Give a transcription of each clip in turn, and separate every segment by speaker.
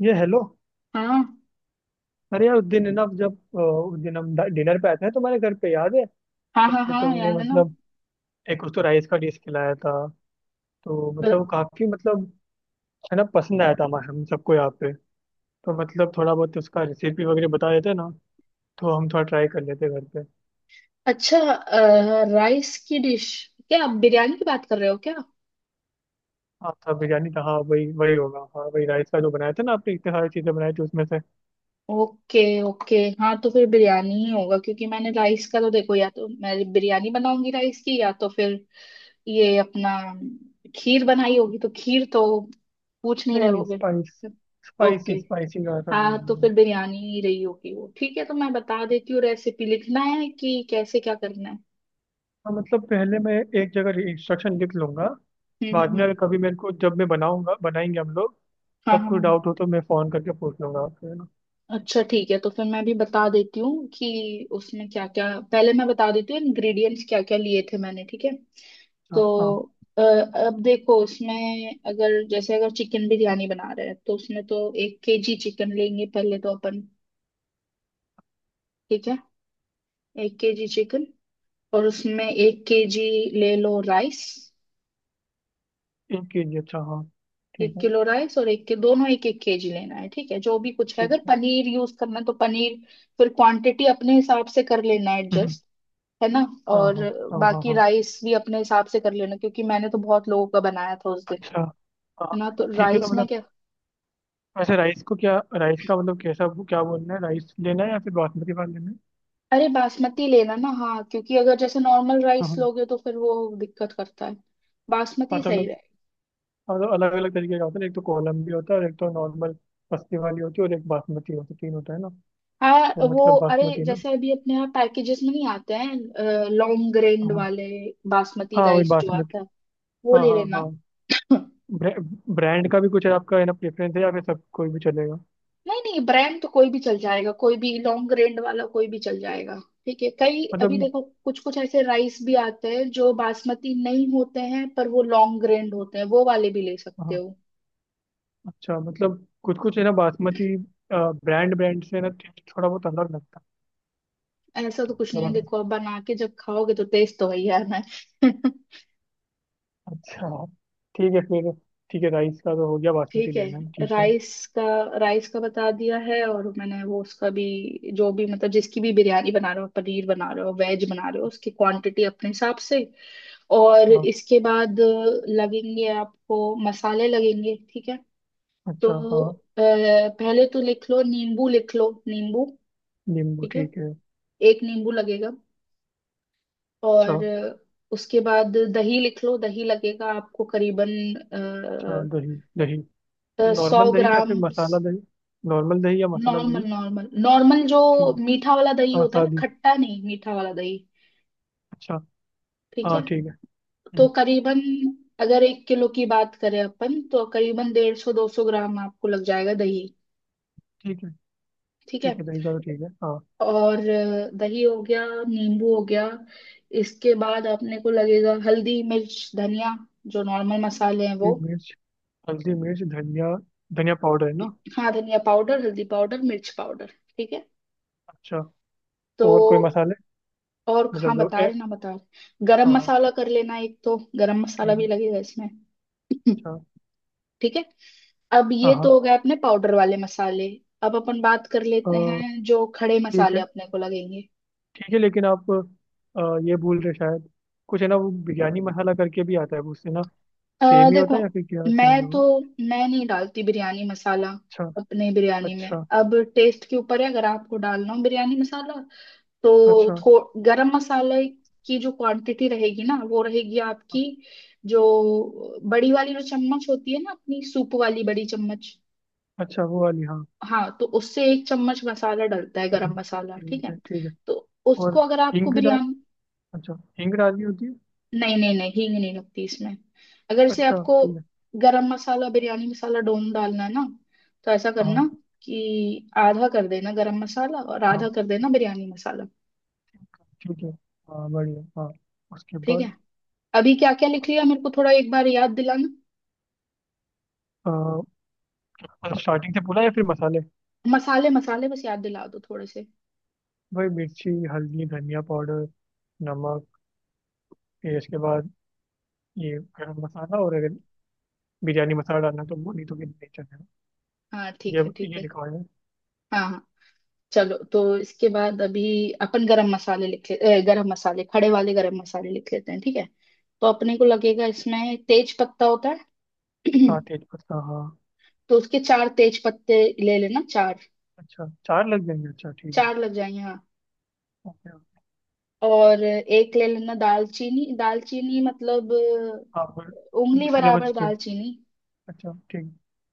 Speaker 1: ये हेलो।
Speaker 2: हाँ
Speaker 1: अरे यार उस दिन है ना उस दिन हम डिनर पे आए थे ना तुम्हारे घर पे, याद है?
Speaker 2: हाँ
Speaker 1: तो
Speaker 2: हाँ
Speaker 1: फिर
Speaker 2: हाँ,
Speaker 1: तुमने
Speaker 2: याद है ना।
Speaker 1: मतलब एक उस तो राइस का डिश खिलाया था। तो
Speaker 2: अ-
Speaker 1: मतलब वो काफी मतलब है ना पसंद आया था हमारे हम सबको यहाँ पे। तो मतलब थोड़ा बहुत उसका रेसिपी वगैरह बता देते ना, तो हम थोड़ा ट्राई कर लेते घर पे।
Speaker 2: अच्छा। राइस की डिश? क्या आप बिरयानी की बात कर रहे हो क्या?
Speaker 1: हाँ था, बिरयानी था। हाँ वही वही होगा, हाँ वही राइस का जो बनाया था ना आपने, इतने सारी चीजें बनाई थी उसमें से।
Speaker 2: ओके। ओके, हाँ, तो फिर बिरयानी ही होगा, क्योंकि मैंने राइस का तो देखो, या तो मैं बिरयानी बनाऊंगी राइस की, या तो फिर ये अपना खीर बनाई होगी, तो खीर तो पूछ नहीं
Speaker 1: नहीं
Speaker 2: रहे
Speaker 1: नहीं,
Speaker 2: होगे। ओके।
Speaker 1: स्पाइसी स्पाइसी का था वो
Speaker 2: हाँ, तो
Speaker 1: वाला।
Speaker 2: फिर बिरयानी ही रही होगी वो, ठीक है, तो मैं बता देती हूँ रेसिपी, लिखना है कि कैसे क्या करना है।
Speaker 1: हाँ मतलब पहले मैं एक जगह इंस्ट्रक्शन लिख लूंगा। बाद में
Speaker 2: हम्म।
Speaker 1: अगर कभी मेरे को, जब मैं बनाऊंगा बनाएंगे हम लोग,
Speaker 2: हाँ
Speaker 1: तब
Speaker 2: हाँ
Speaker 1: कोई
Speaker 2: हाँ।
Speaker 1: डाउट हो तो मैं फोन करके पूछ लूंगा आपसे, है ना।
Speaker 2: अच्छा ठीक है, तो फिर मैं भी बता देती हूँ कि उसमें क्या क्या। पहले मैं बता देती हूँ इंग्रेडिएंट्स क्या क्या लिए थे मैंने, ठीक है?
Speaker 1: अच्छा
Speaker 2: तो
Speaker 1: हाँ।
Speaker 2: अब देखो उसमें अगर जैसे अगर चिकन बिरयानी बना रहे हैं, तो उसमें तो 1 केजी चिकन लेंगे पहले तो अपन। ठीक है। 1 केजी चिकन, और उसमें 1 केजी ले लो राइस।
Speaker 1: एक के जी, अच्छा हाँ। ठीक
Speaker 2: एक
Speaker 1: है।
Speaker 2: किलो राइस और एक के दोनों एक एक केजी लेना है, ठीक है। जो भी कुछ है,
Speaker 1: ठीक
Speaker 2: अगर
Speaker 1: है।
Speaker 2: पनीर यूज करना है तो पनीर, फिर क्वांटिटी अपने हिसाब से कर लेना है
Speaker 1: हम्म।
Speaker 2: एडजस्ट, है ना।
Speaker 1: हाँ
Speaker 2: और
Speaker 1: हाँ हाँ। हाँ
Speaker 2: बाकी
Speaker 1: हाँ।
Speaker 2: राइस भी अपने हिसाब से कर लेना, क्योंकि मैंने तो बहुत लोगों का बनाया था उस दिन।
Speaker 1: अच्छा हाँ।
Speaker 2: है ना, तो
Speaker 1: ठीक है तो
Speaker 2: राइस में
Speaker 1: मतलब
Speaker 2: क्या।
Speaker 1: वैसे राइस को क्या, राइस का मतलब कैसा क्या बोलना है, राइस लेना है या फिर बासमती वाला लेना है?
Speaker 2: अरे बासमती लेना ना, हाँ, क्योंकि अगर जैसे नॉर्मल
Speaker 1: हाँ
Speaker 2: राइस
Speaker 1: हाँ।
Speaker 2: लोगे तो फिर वो दिक्कत करता है, बासमती
Speaker 1: अच्छा
Speaker 2: सही
Speaker 1: मतलब,
Speaker 2: रहेगा।
Speaker 1: मतलब अलग अलग तरीके का होता है ना, एक तो कोलम भी होता है और एक तो नॉर्मल पस्ती वाली होती है और एक बासमती होती है, तीन होता है ना।
Speaker 2: हाँ
Speaker 1: तो
Speaker 2: वो,
Speaker 1: मतलब
Speaker 2: अरे
Speaker 1: बासमती ना।
Speaker 2: जैसे अभी अपने यहाँ पैकेजेस में नहीं आते हैं लॉन्ग ग्रेन्ड
Speaker 1: हाँ
Speaker 2: वाले, बासमती
Speaker 1: हाँ वही
Speaker 2: राइस जो
Speaker 1: बासमती।
Speaker 2: आता है वो
Speaker 1: हाँ
Speaker 2: ले
Speaker 1: हाँ
Speaker 2: लेना।
Speaker 1: हाँ। ब्रे, ब्रांड का भी कुछ है आपका, है ना? प्रेफरेंस है या फिर सब कोई भी चलेगा?
Speaker 2: नहीं नहीं, ब्रांड तो कोई भी चल जाएगा, कोई भी लॉन्ग रेंज वाला कोई भी चल जाएगा। ठीक है, कई अभी
Speaker 1: मतलब,
Speaker 2: देखो कुछ कुछ ऐसे राइस भी आते हैं जो बासमती नहीं होते हैं पर वो लॉन्ग रेंज होते हैं, वो वाले भी ले सकते
Speaker 1: हाँ।
Speaker 2: हो।
Speaker 1: अच्छा मतलब कुछ कुछ है ना बासमती, ब्रांड ब्रांड से ना टेस्ट थोड़ा बहुत अलग लगता है।
Speaker 2: ऐसा
Speaker 1: तो
Speaker 2: तो कुछ नहीं
Speaker 1: मतलब
Speaker 2: है,
Speaker 1: अगर-
Speaker 2: देखो अब बना के जब खाओगे तो टेस्ट तो वही आना है। ही यार मैं।
Speaker 1: अच्छा ठीक है फिर। ठीक है, राइस का तो हो गया, बासमती
Speaker 2: ठीक
Speaker 1: लेना है,
Speaker 2: है,
Speaker 1: ठीक है।
Speaker 2: राइस का बता दिया है। और मैंने वो उसका भी, जो भी मतलब जिसकी भी बिरयानी बना रहे हो, पनीर बना रहे हो, वेज बना रहे हो, उसकी क्वांटिटी अपने हिसाब से। और
Speaker 1: हाँ,
Speaker 2: इसके बाद लगेंगे आपको मसाले लगेंगे, ठीक है। तो
Speaker 1: अच्छा हाँ।
Speaker 2: पहले तो लिख लो नींबू, लिख लो नींबू,
Speaker 1: नींबू,
Speaker 2: ठीक है,
Speaker 1: ठीक है।
Speaker 2: 1 नींबू लगेगा।
Speaker 1: अच्छा।
Speaker 2: और उसके बाद दही लिख लो, दही लगेगा आपको करीबन
Speaker 1: अच्छा दही दही।
Speaker 2: सौ
Speaker 1: नॉर्मल दही या
Speaker 2: ग्राम
Speaker 1: फिर मसाला दही? नॉर्मल दही या मसाला दही?
Speaker 2: नॉर्मल नॉर्मल नॉर्मल, जो
Speaker 1: ठीक है।
Speaker 2: मीठा वाला दही
Speaker 1: हाँ
Speaker 2: होता है ना,
Speaker 1: सादी।
Speaker 2: खट्टा नहीं, मीठा वाला दही,
Speaker 1: अच्छा।
Speaker 2: ठीक है।
Speaker 1: हाँ ठीक है।
Speaker 2: तो
Speaker 1: हम्म।
Speaker 2: करीबन, अगर 1 किलो की बात करें अपन, तो करीबन 150-200 ग्राम आपको लग जाएगा दही,
Speaker 1: ठीक है।
Speaker 2: ठीक
Speaker 1: ठीक
Speaker 2: है।
Speaker 1: है दही का तो, ठीक है हाँ।
Speaker 2: और दही हो गया, नींबू हो गया, इसके बाद अपने को लगेगा हल्दी मिर्च धनिया, जो नॉर्मल मसाले हैं वो।
Speaker 1: हरी मिर्च। हल्दी मिर्च धनिया। धनिया पाउडर है ना?
Speaker 2: हाँ, धनिया पाउडर हल्दी पाउडर मिर्च पाउडर, ठीक है।
Speaker 1: अच्छा।
Speaker 2: तो
Speaker 1: और कोई मसाले?
Speaker 2: और
Speaker 1: मतलब
Speaker 2: हाँ
Speaker 1: जो
Speaker 2: बता
Speaker 1: ए
Speaker 2: रहे ना बता रहे गरम
Speaker 1: हाँ हाँ।
Speaker 2: मसाला कर लेना, एक तो गरम मसाला
Speaker 1: ठीक
Speaker 2: भी
Speaker 1: है।
Speaker 2: लगेगा इसमें।
Speaker 1: अच्छा।
Speaker 2: ठीक है, अब
Speaker 1: हाँ
Speaker 2: ये तो
Speaker 1: हाँ।
Speaker 2: हो गए अपने पाउडर वाले मसाले। अब अपन बात कर
Speaker 1: अ,
Speaker 2: लेते हैं जो खड़े
Speaker 1: ठीक
Speaker 2: मसाले
Speaker 1: है।
Speaker 2: अपने को लगेंगे।
Speaker 1: ठीक है लेकिन आप ये बोल रहे शायद कुछ है ना वो बिरयानी मसाला करके भी आता है, वो उससे ना सेम ही
Speaker 2: देखो,
Speaker 1: होता है या फिर क्या, सेम है
Speaker 2: मैं तो
Speaker 1: वो?
Speaker 2: मैं नहीं डालती बिरयानी मसाला
Speaker 1: अच्छा।
Speaker 2: अपने बिरयानी में।
Speaker 1: अच्छा।
Speaker 2: अब टेस्ट के ऊपर है, अगर आपको डालना हो बिरयानी मसाला, तो
Speaker 1: अच्छा।
Speaker 2: थो गरम मसाले की जो क्वांटिटी रहेगी ना, वो रहेगी आपकी जो बड़ी वाली जो चम्मच होती है ना, अपनी सूप वाली बड़ी चम्मच।
Speaker 1: अच्छा वो वाली, हाँ।
Speaker 2: हाँ, तो उससे 1 चम्मच मसाला डलता है
Speaker 1: हम्म।
Speaker 2: गरम मसाला, ठीक
Speaker 1: ठीक
Speaker 2: है।
Speaker 1: है ठीक है।
Speaker 2: तो उसको
Speaker 1: और
Speaker 2: अगर आपको
Speaker 1: हिंग डाल
Speaker 2: बिरयानी,
Speaker 1: अच्छा, हिंग डालनी होती है?
Speaker 2: नहीं नहीं नहीं, हींग नहीं लगती इसमें। अगर इसे
Speaker 1: अच्छा
Speaker 2: आपको
Speaker 1: ठीक है।
Speaker 2: गरम मसाला बिरयानी मसाला डोम डालना है ना, तो ऐसा करना
Speaker 1: हाँ।
Speaker 2: कि आधा कर देना गरम मसाला और
Speaker 1: हाँ
Speaker 2: आधा कर देना बिरयानी मसाला,
Speaker 1: ठीक है। हाँ बढ़िया, हाँ। उसके
Speaker 2: ठीक है।
Speaker 1: बाद?
Speaker 2: अभी क्या क्या लिख लिया मेरे को थोड़ा एक बार याद दिलाना।
Speaker 1: अ, स्टार्टिंग से बोला या फिर मसाले?
Speaker 2: मसाले मसाले बस याद दिला दो थोड़े से।
Speaker 1: भाई मिर्ची हल्दी धनिया पाउडर, नमक, फिर इसके बाद ये गरम मसाला, और अगर बिरयानी मसाला डालना तो वो, नहीं तो फिर नहीं चलेगा।
Speaker 2: हाँ ठीक
Speaker 1: ये
Speaker 2: है ठीक
Speaker 1: ये
Speaker 2: है।
Speaker 1: लिखा हुआ है।
Speaker 2: हाँ हाँ। चलो, तो इसके बाद अभी अपन गरम मसाले लिख ले। गरम मसाले, खड़े वाले गरम मसाले लिख लेते हैं, ठीक है। तो अपने को लगेगा इसमें तेज पत्ता होता है।
Speaker 1: हाँ तेज पत्ता, हाँ।
Speaker 2: तो उसके 4 तेज पत्ते ले लेना, चार।
Speaker 1: अच्छा चार लग जाएंगे, अच्छा ठीक है।
Speaker 2: चार लग जाएंगे हाँ।
Speaker 1: Okay okay.
Speaker 2: और एक ले लेना दालचीनी, दालचीनी मतलब
Speaker 1: हाँ और
Speaker 2: उंगली
Speaker 1: cinnamon
Speaker 2: बराबर
Speaker 1: stick।
Speaker 2: दालचीनी।
Speaker 1: अच्छा ठीक है,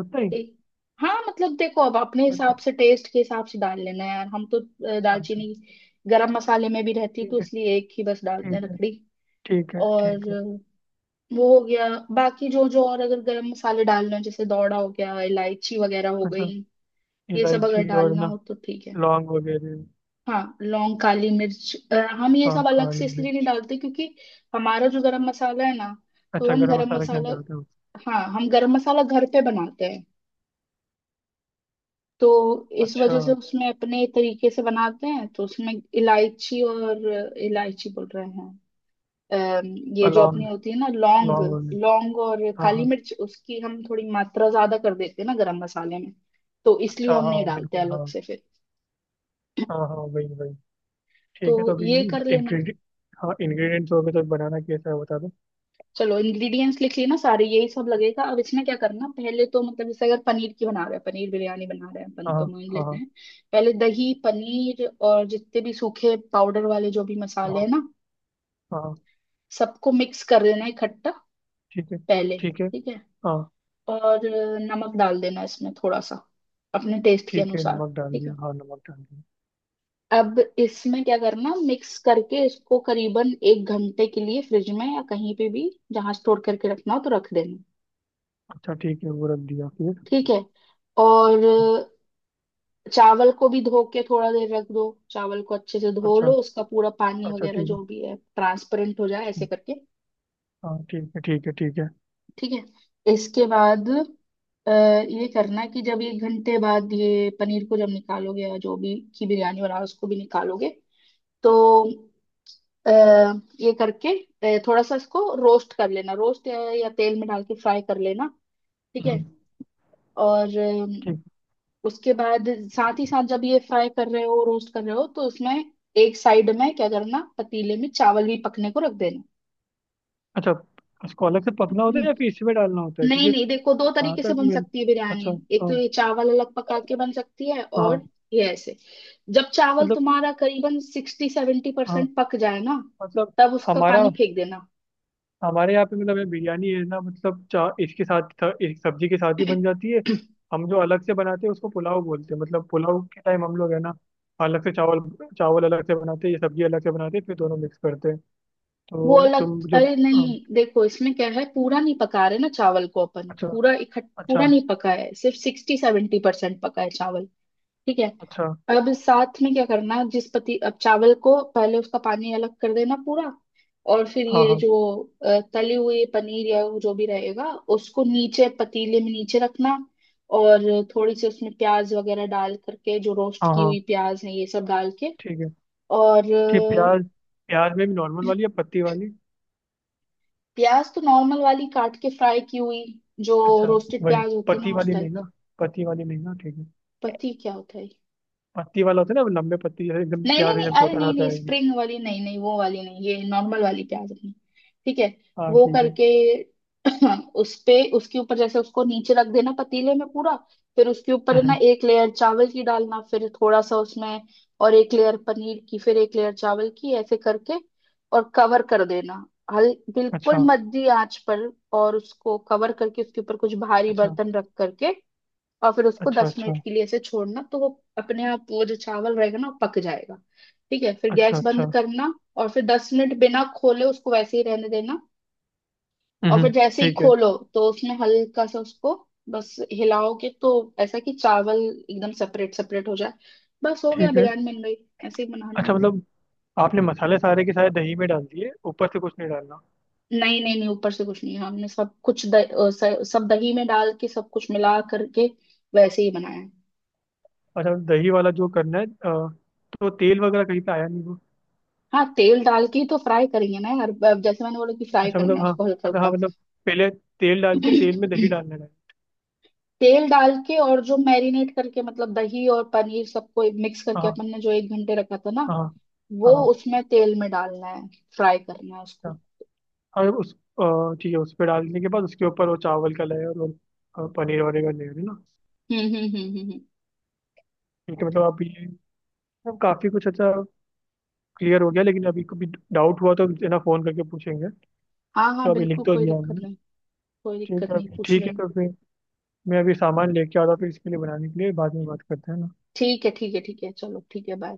Speaker 1: उतना ही।
Speaker 2: ठीक, हाँ मतलब देखो, अब अपने
Speaker 1: अच्छा।
Speaker 2: हिसाब से टेस्ट के हिसाब से डाल लेना यार, हम तो
Speaker 1: अच्छा। अच्छा।
Speaker 2: दालचीनी गरम मसाले में भी रहती, तो
Speaker 1: ठीक है।
Speaker 2: इसलिए एक ही बस डालते हैं
Speaker 1: ठीक है
Speaker 2: लकड़ी।
Speaker 1: ठीक है।
Speaker 2: और
Speaker 1: ठीक है।
Speaker 2: वो हो गया। बाकी जो जो और अगर गरम मसाले डालना हो, जैसे दौड़ा हो गया, इलायची वगैरह हो
Speaker 1: अच्छा।
Speaker 2: गई, ये सब अगर
Speaker 1: इलायची और
Speaker 2: डालना
Speaker 1: ना?
Speaker 2: हो तो ठीक है।
Speaker 1: लौंग वगैरह।
Speaker 2: हाँ, लौंग काली मिर्च, हम ये
Speaker 1: हाँ
Speaker 2: सब अलग
Speaker 1: काली
Speaker 2: से इसलिए नहीं
Speaker 1: मिर्च।
Speaker 2: डालते क्योंकि हमारा जो गरम मसाला है ना, तो
Speaker 1: अच्छा,
Speaker 2: हम
Speaker 1: गरम
Speaker 2: गरम
Speaker 1: मसाला के
Speaker 2: मसाला,
Speaker 1: अंदर होते हो।
Speaker 2: हाँ, हम गरम मसाला घर पे बनाते हैं। तो इस
Speaker 1: अच्छा
Speaker 2: वजह से उसमें अपने तरीके से बनाते हैं, तो उसमें इलायची और, इलायची बोल रहे हैं, ये जो अपनी
Speaker 1: लौंग।
Speaker 2: होती है ना, लौंग,
Speaker 1: लौंग हो गई।
Speaker 2: लौंग और
Speaker 1: हाँ
Speaker 2: काली
Speaker 1: हाँ।
Speaker 2: मिर्च, उसकी हम थोड़ी मात्रा ज्यादा कर देते हैं ना गरम मसाले में। तो
Speaker 1: अच्छा
Speaker 2: इसलिए हम नहीं
Speaker 1: हाँ,
Speaker 2: डालते
Speaker 1: बिल्कुल
Speaker 2: अलग
Speaker 1: हाँ।
Speaker 2: से फिर।
Speaker 1: हाँ हाँ वही वही।
Speaker 2: तो
Speaker 1: ठीक है तो अभी
Speaker 2: ये कर लेना।
Speaker 1: इंग्रेडिएंट। हाँ इंग्रेडिएंट्स हो गए, तो बनाना कैसा है बता दो।
Speaker 2: चलो, इंग्रेडिएंट्स लिख लिए ना सारे, यही सब लगेगा। अब इसमें क्या करना, पहले तो मतलब जैसे अगर पनीर की बना रहे हैं, पनीर बिरयानी बना रहे हैं अपन
Speaker 1: हाँ
Speaker 2: तो मान
Speaker 1: हाँ।
Speaker 2: लेते
Speaker 1: हाँ
Speaker 2: हैं। पहले दही पनीर और जितने भी सूखे पाउडर वाले जो भी मसाले
Speaker 1: हाँ
Speaker 2: हैं ना,
Speaker 1: हाँ।
Speaker 2: सबको मिक्स कर देना है इकट्ठा
Speaker 1: ठीक है।
Speaker 2: पहले,
Speaker 1: ठीक है।
Speaker 2: ठीक है।
Speaker 1: हाँ।
Speaker 2: और नमक डाल देना इसमें थोड़ा सा, अपने टेस्ट के
Speaker 1: ठीक है
Speaker 2: अनुसार,
Speaker 1: नमक डाल
Speaker 2: ठीक
Speaker 1: दिया,
Speaker 2: है।
Speaker 1: हाँ नमक डाल दिया।
Speaker 2: अब इसमें क्या करना, मिक्स करके इसको करीबन 1 घंटे के लिए फ्रिज में या कहीं पे भी, जहां स्टोर करके रखना हो तो रख देना,
Speaker 1: अच्छा ठीक है वो रख दिया फिर।
Speaker 2: ठीक है। और चावल को भी धो के थोड़ा देर रख दो, चावल को अच्छे से धो
Speaker 1: अच्छा।
Speaker 2: लो, उसका पूरा पानी
Speaker 1: अच्छा
Speaker 2: वगैरह
Speaker 1: ठीक है।
Speaker 2: जो भी है ट्रांसपेरेंट हो जाए ऐसे
Speaker 1: ठीक।
Speaker 2: करके,
Speaker 1: हाँ ठीक है ठीक है ठीक है।
Speaker 2: ठीक है। इसके बाद ये करना कि जब 1 घंटे बाद ये पनीर को जब निकालोगे, या जो भी की बिरयानी बनाओ उसको भी निकालोगे, तो आ, ये करके थोड़ा सा इसको रोस्ट कर लेना, रोस्ट या तेल में डाल के फ्राई कर लेना, ठीक है।
Speaker 1: हम्म।
Speaker 2: और
Speaker 1: ठीक।
Speaker 2: उसके बाद साथ ही साथ जब ये फ्राई कर रहे हो रोस्ट कर रहे हो, तो उसमें एक साइड में क्या करना, पतीले में चावल भी पकने को रख देना।
Speaker 1: अच्छा, इसको अलग से पकना होता है
Speaker 2: हम्म,
Speaker 1: या फिर इसमें डालना होता है,
Speaker 2: नहीं
Speaker 1: क्योंकि
Speaker 2: नहीं, देखो, दो
Speaker 1: वहां
Speaker 2: तरीके से
Speaker 1: तक
Speaker 2: बन
Speaker 1: मिल।
Speaker 2: सकती है बिरयानी,
Speaker 1: अच्छा।
Speaker 2: एक
Speaker 1: हाँ।
Speaker 2: तो ये चावल अलग पका के बन सकती है, और
Speaker 1: हाँ।
Speaker 2: ये ऐसे जब चावल
Speaker 1: मतलब,
Speaker 2: तुम्हारा करीबन सिक्सटी सेवेंटी
Speaker 1: हाँ
Speaker 2: परसेंट पक जाए ना,
Speaker 1: मतलब
Speaker 2: तब उसका
Speaker 1: हमारा,
Speaker 2: पानी फेंक देना।
Speaker 1: हमारे यहाँ पे मतलब ये बिरयानी है ना, मतलब चा इसके साथ एक सब्जी के साथ ही बन जाती है। हम जो अलग से बनाते हैं उसको पुलाव बोलते हैं, मतलब पुलाव के टाइम हम लोग है ना अलग से चावल, चावल अलग से बनाते हैं, ये सब्जी अलग से बनाते हैं, फिर दोनों मिक्स करते हैं।
Speaker 2: वो
Speaker 1: तो
Speaker 2: अलग,
Speaker 1: तुम जो।
Speaker 2: अरे नहीं,
Speaker 1: हाँ,
Speaker 2: देखो इसमें क्या है, पूरा नहीं पका रहे ना चावल को अपन
Speaker 1: अच्छा।
Speaker 2: पूरा इकट्ठा,
Speaker 1: अच्छा।
Speaker 2: पूरा नहीं पका है, सिर्फ 60-70% पका है चावल, ठीक है।
Speaker 1: अच्छा।
Speaker 2: अब साथ में क्या करना, जिस पति, अब चावल को पहले उसका पानी अलग कर देना पूरा, और फिर
Speaker 1: हाँ
Speaker 2: ये
Speaker 1: हाँ
Speaker 2: जो तली हुई पनीर या वो जो भी रहेगा, उसको नीचे पतीले में नीचे रखना, और थोड़ी सी उसमें प्याज वगैरह डाल करके, जो रोस्ट
Speaker 1: हाँ।
Speaker 2: की
Speaker 1: हाँ।
Speaker 2: हुई प्याज है ये सब डाल के,
Speaker 1: ठीक है।
Speaker 2: और
Speaker 1: ठीक, प्याज। प्याज में भी नॉर्मल वाली या पत्ती वाली?
Speaker 2: प्याज तो नॉर्मल वाली काट के फ्राई की हुई, जो
Speaker 1: अच्छा।
Speaker 2: रोस्टेड
Speaker 1: वही,
Speaker 2: प्याज होती है
Speaker 1: पत्ती
Speaker 2: ना, उस
Speaker 1: वाली
Speaker 2: टाइप।
Speaker 1: लेना, पत्ती वाली लेना ठीक है।
Speaker 2: पति क्या होता है?
Speaker 1: पत्ती वाला होता है ना, वो लंबे पत्ती जैसे एकदम,
Speaker 2: नहीं नहीं
Speaker 1: प्याज
Speaker 2: नहीं,
Speaker 1: एकदम
Speaker 2: अरे
Speaker 1: छोटा सा
Speaker 2: नहीं
Speaker 1: होता
Speaker 2: नहीं,
Speaker 1: है।
Speaker 2: स्प्रिंग वाली नहीं, नहीं वो वाली नहीं, ये नॉर्मल वाली प्याज अपनी, ठीक है।
Speaker 1: हाँ
Speaker 2: वो
Speaker 1: ठीक है।
Speaker 2: करके उस पे उसके ऊपर जैसे उसको नीचे रख देना पतीले में पूरा, फिर उसके ऊपर है ना
Speaker 1: हम्म।
Speaker 2: 1 लेयर चावल की डालना, फिर थोड़ा सा उसमें, और 1 लेयर पनीर की, फिर 1 लेयर चावल की, ऐसे करके और कवर कर देना, हल बिल्कुल
Speaker 1: अच्छा।
Speaker 2: मध्य आंच पर, और उसको कवर करके उसके ऊपर कुछ भारी
Speaker 1: अच्छा।
Speaker 2: बर्तन रख करके, और फिर उसको
Speaker 1: अच्छा।
Speaker 2: दस
Speaker 1: अच्छा।
Speaker 2: मिनट के लिए ऐसे छोड़ना, तो वो अपने आप वो जो चावल रहेगा ना, वो पक जाएगा, ठीक है। फिर
Speaker 1: अच्छा।
Speaker 2: गैस बंद
Speaker 1: अच्छा।
Speaker 2: करना, और फिर 10 मिनट बिना खोले उसको वैसे ही रहने देना, और
Speaker 1: हम्म।
Speaker 2: फिर जैसे ही
Speaker 1: ठीक है।
Speaker 2: खोलो तो उसमें हल्का सा उसको बस हिलाओगे, तो ऐसा कि चावल एकदम सेपरेट सेपरेट हो जाए, बस हो गया,
Speaker 1: ठीक है।
Speaker 2: बिरयानी बन गई, ऐसे ही बनानी
Speaker 1: अच्छा
Speaker 2: है।
Speaker 1: मतलब, आपने मसाले सारे के सारे दही में डाल दिए, ऊपर से कुछ नहीं डालना?
Speaker 2: नहीं नहीं नहीं, ऊपर से कुछ नहीं, हमने सब कुछ सब दही में डाल के सब कुछ मिला करके वैसे ही बनाया है।
Speaker 1: अच्छा दही वाला जो करना है, तो तेल वगैरह कहीं पे आया नहीं वो?
Speaker 2: हाँ, तेल डाल के ही तो फ्राई करेंगे ना यार, अब जैसे मैंने बोला कि फ्राई
Speaker 1: अच्छा
Speaker 2: करना
Speaker 1: मतलब
Speaker 2: है
Speaker 1: हाँ,
Speaker 2: उसको हल्का
Speaker 1: मतलब
Speaker 2: हल्का।
Speaker 1: हाँ मतलब पहले तेल डाल के तेल में दही डालना है।
Speaker 2: तेल डाल के, और जो मैरिनेट करके मतलब दही और पनीर सबको मिक्स करके
Speaker 1: हाँ
Speaker 2: अपन ने जो 1 घंटे रखा था ना,
Speaker 1: हाँ हाँ।
Speaker 2: वो
Speaker 1: हाँ हाँ।
Speaker 2: उसमें तेल में डालना है, फ्राई करना है
Speaker 1: हाँ,
Speaker 2: उसको।
Speaker 1: अच्छा। और उस ठीक है, उस पर डालने के बाद उसके ऊपर वो चावल का लेयर और पनीर वगैरह का लेयर है ना?
Speaker 2: हम्म हम्म हम्म हम्म हम्म।
Speaker 1: ठीक है मतलब आप ये, अब काफी कुछ अच्छा क्लियर हो गया, लेकिन अभी कभी डाउट हुआ तो है ना फोन करके पूछेंगे।
Speaker 2: हाँ
Speaker 1: तो
Speaker 2: हाँ
Speaker 1: अभी लिख
Speaker 2: बिल्कुल,
Speaker 1: तो
Speaker 2: कोई
Speaker 1: दिया
Speaker 2: दिक्कत
Speaker 1: हमने,
Speaker 2: नहीं, कोई
Speaker 1: ठीक
Speaker 2: दिक्कत
Speaker 1: है
Speaker 2: नहीं
Speaker 1: अभी,
Speaker 2: पूछ
Speaker 1: ठीक है
Speaker 2: लेना।
Speaker 1: तो फिर मैं अभी सामान लेके आता हूँ, फिर इसके लिए बनाने के लिए बाद में बात करते हैं ना।
Speaker 2: ठीक है ठीक है ठीक है, चलो ठीक है, बाय।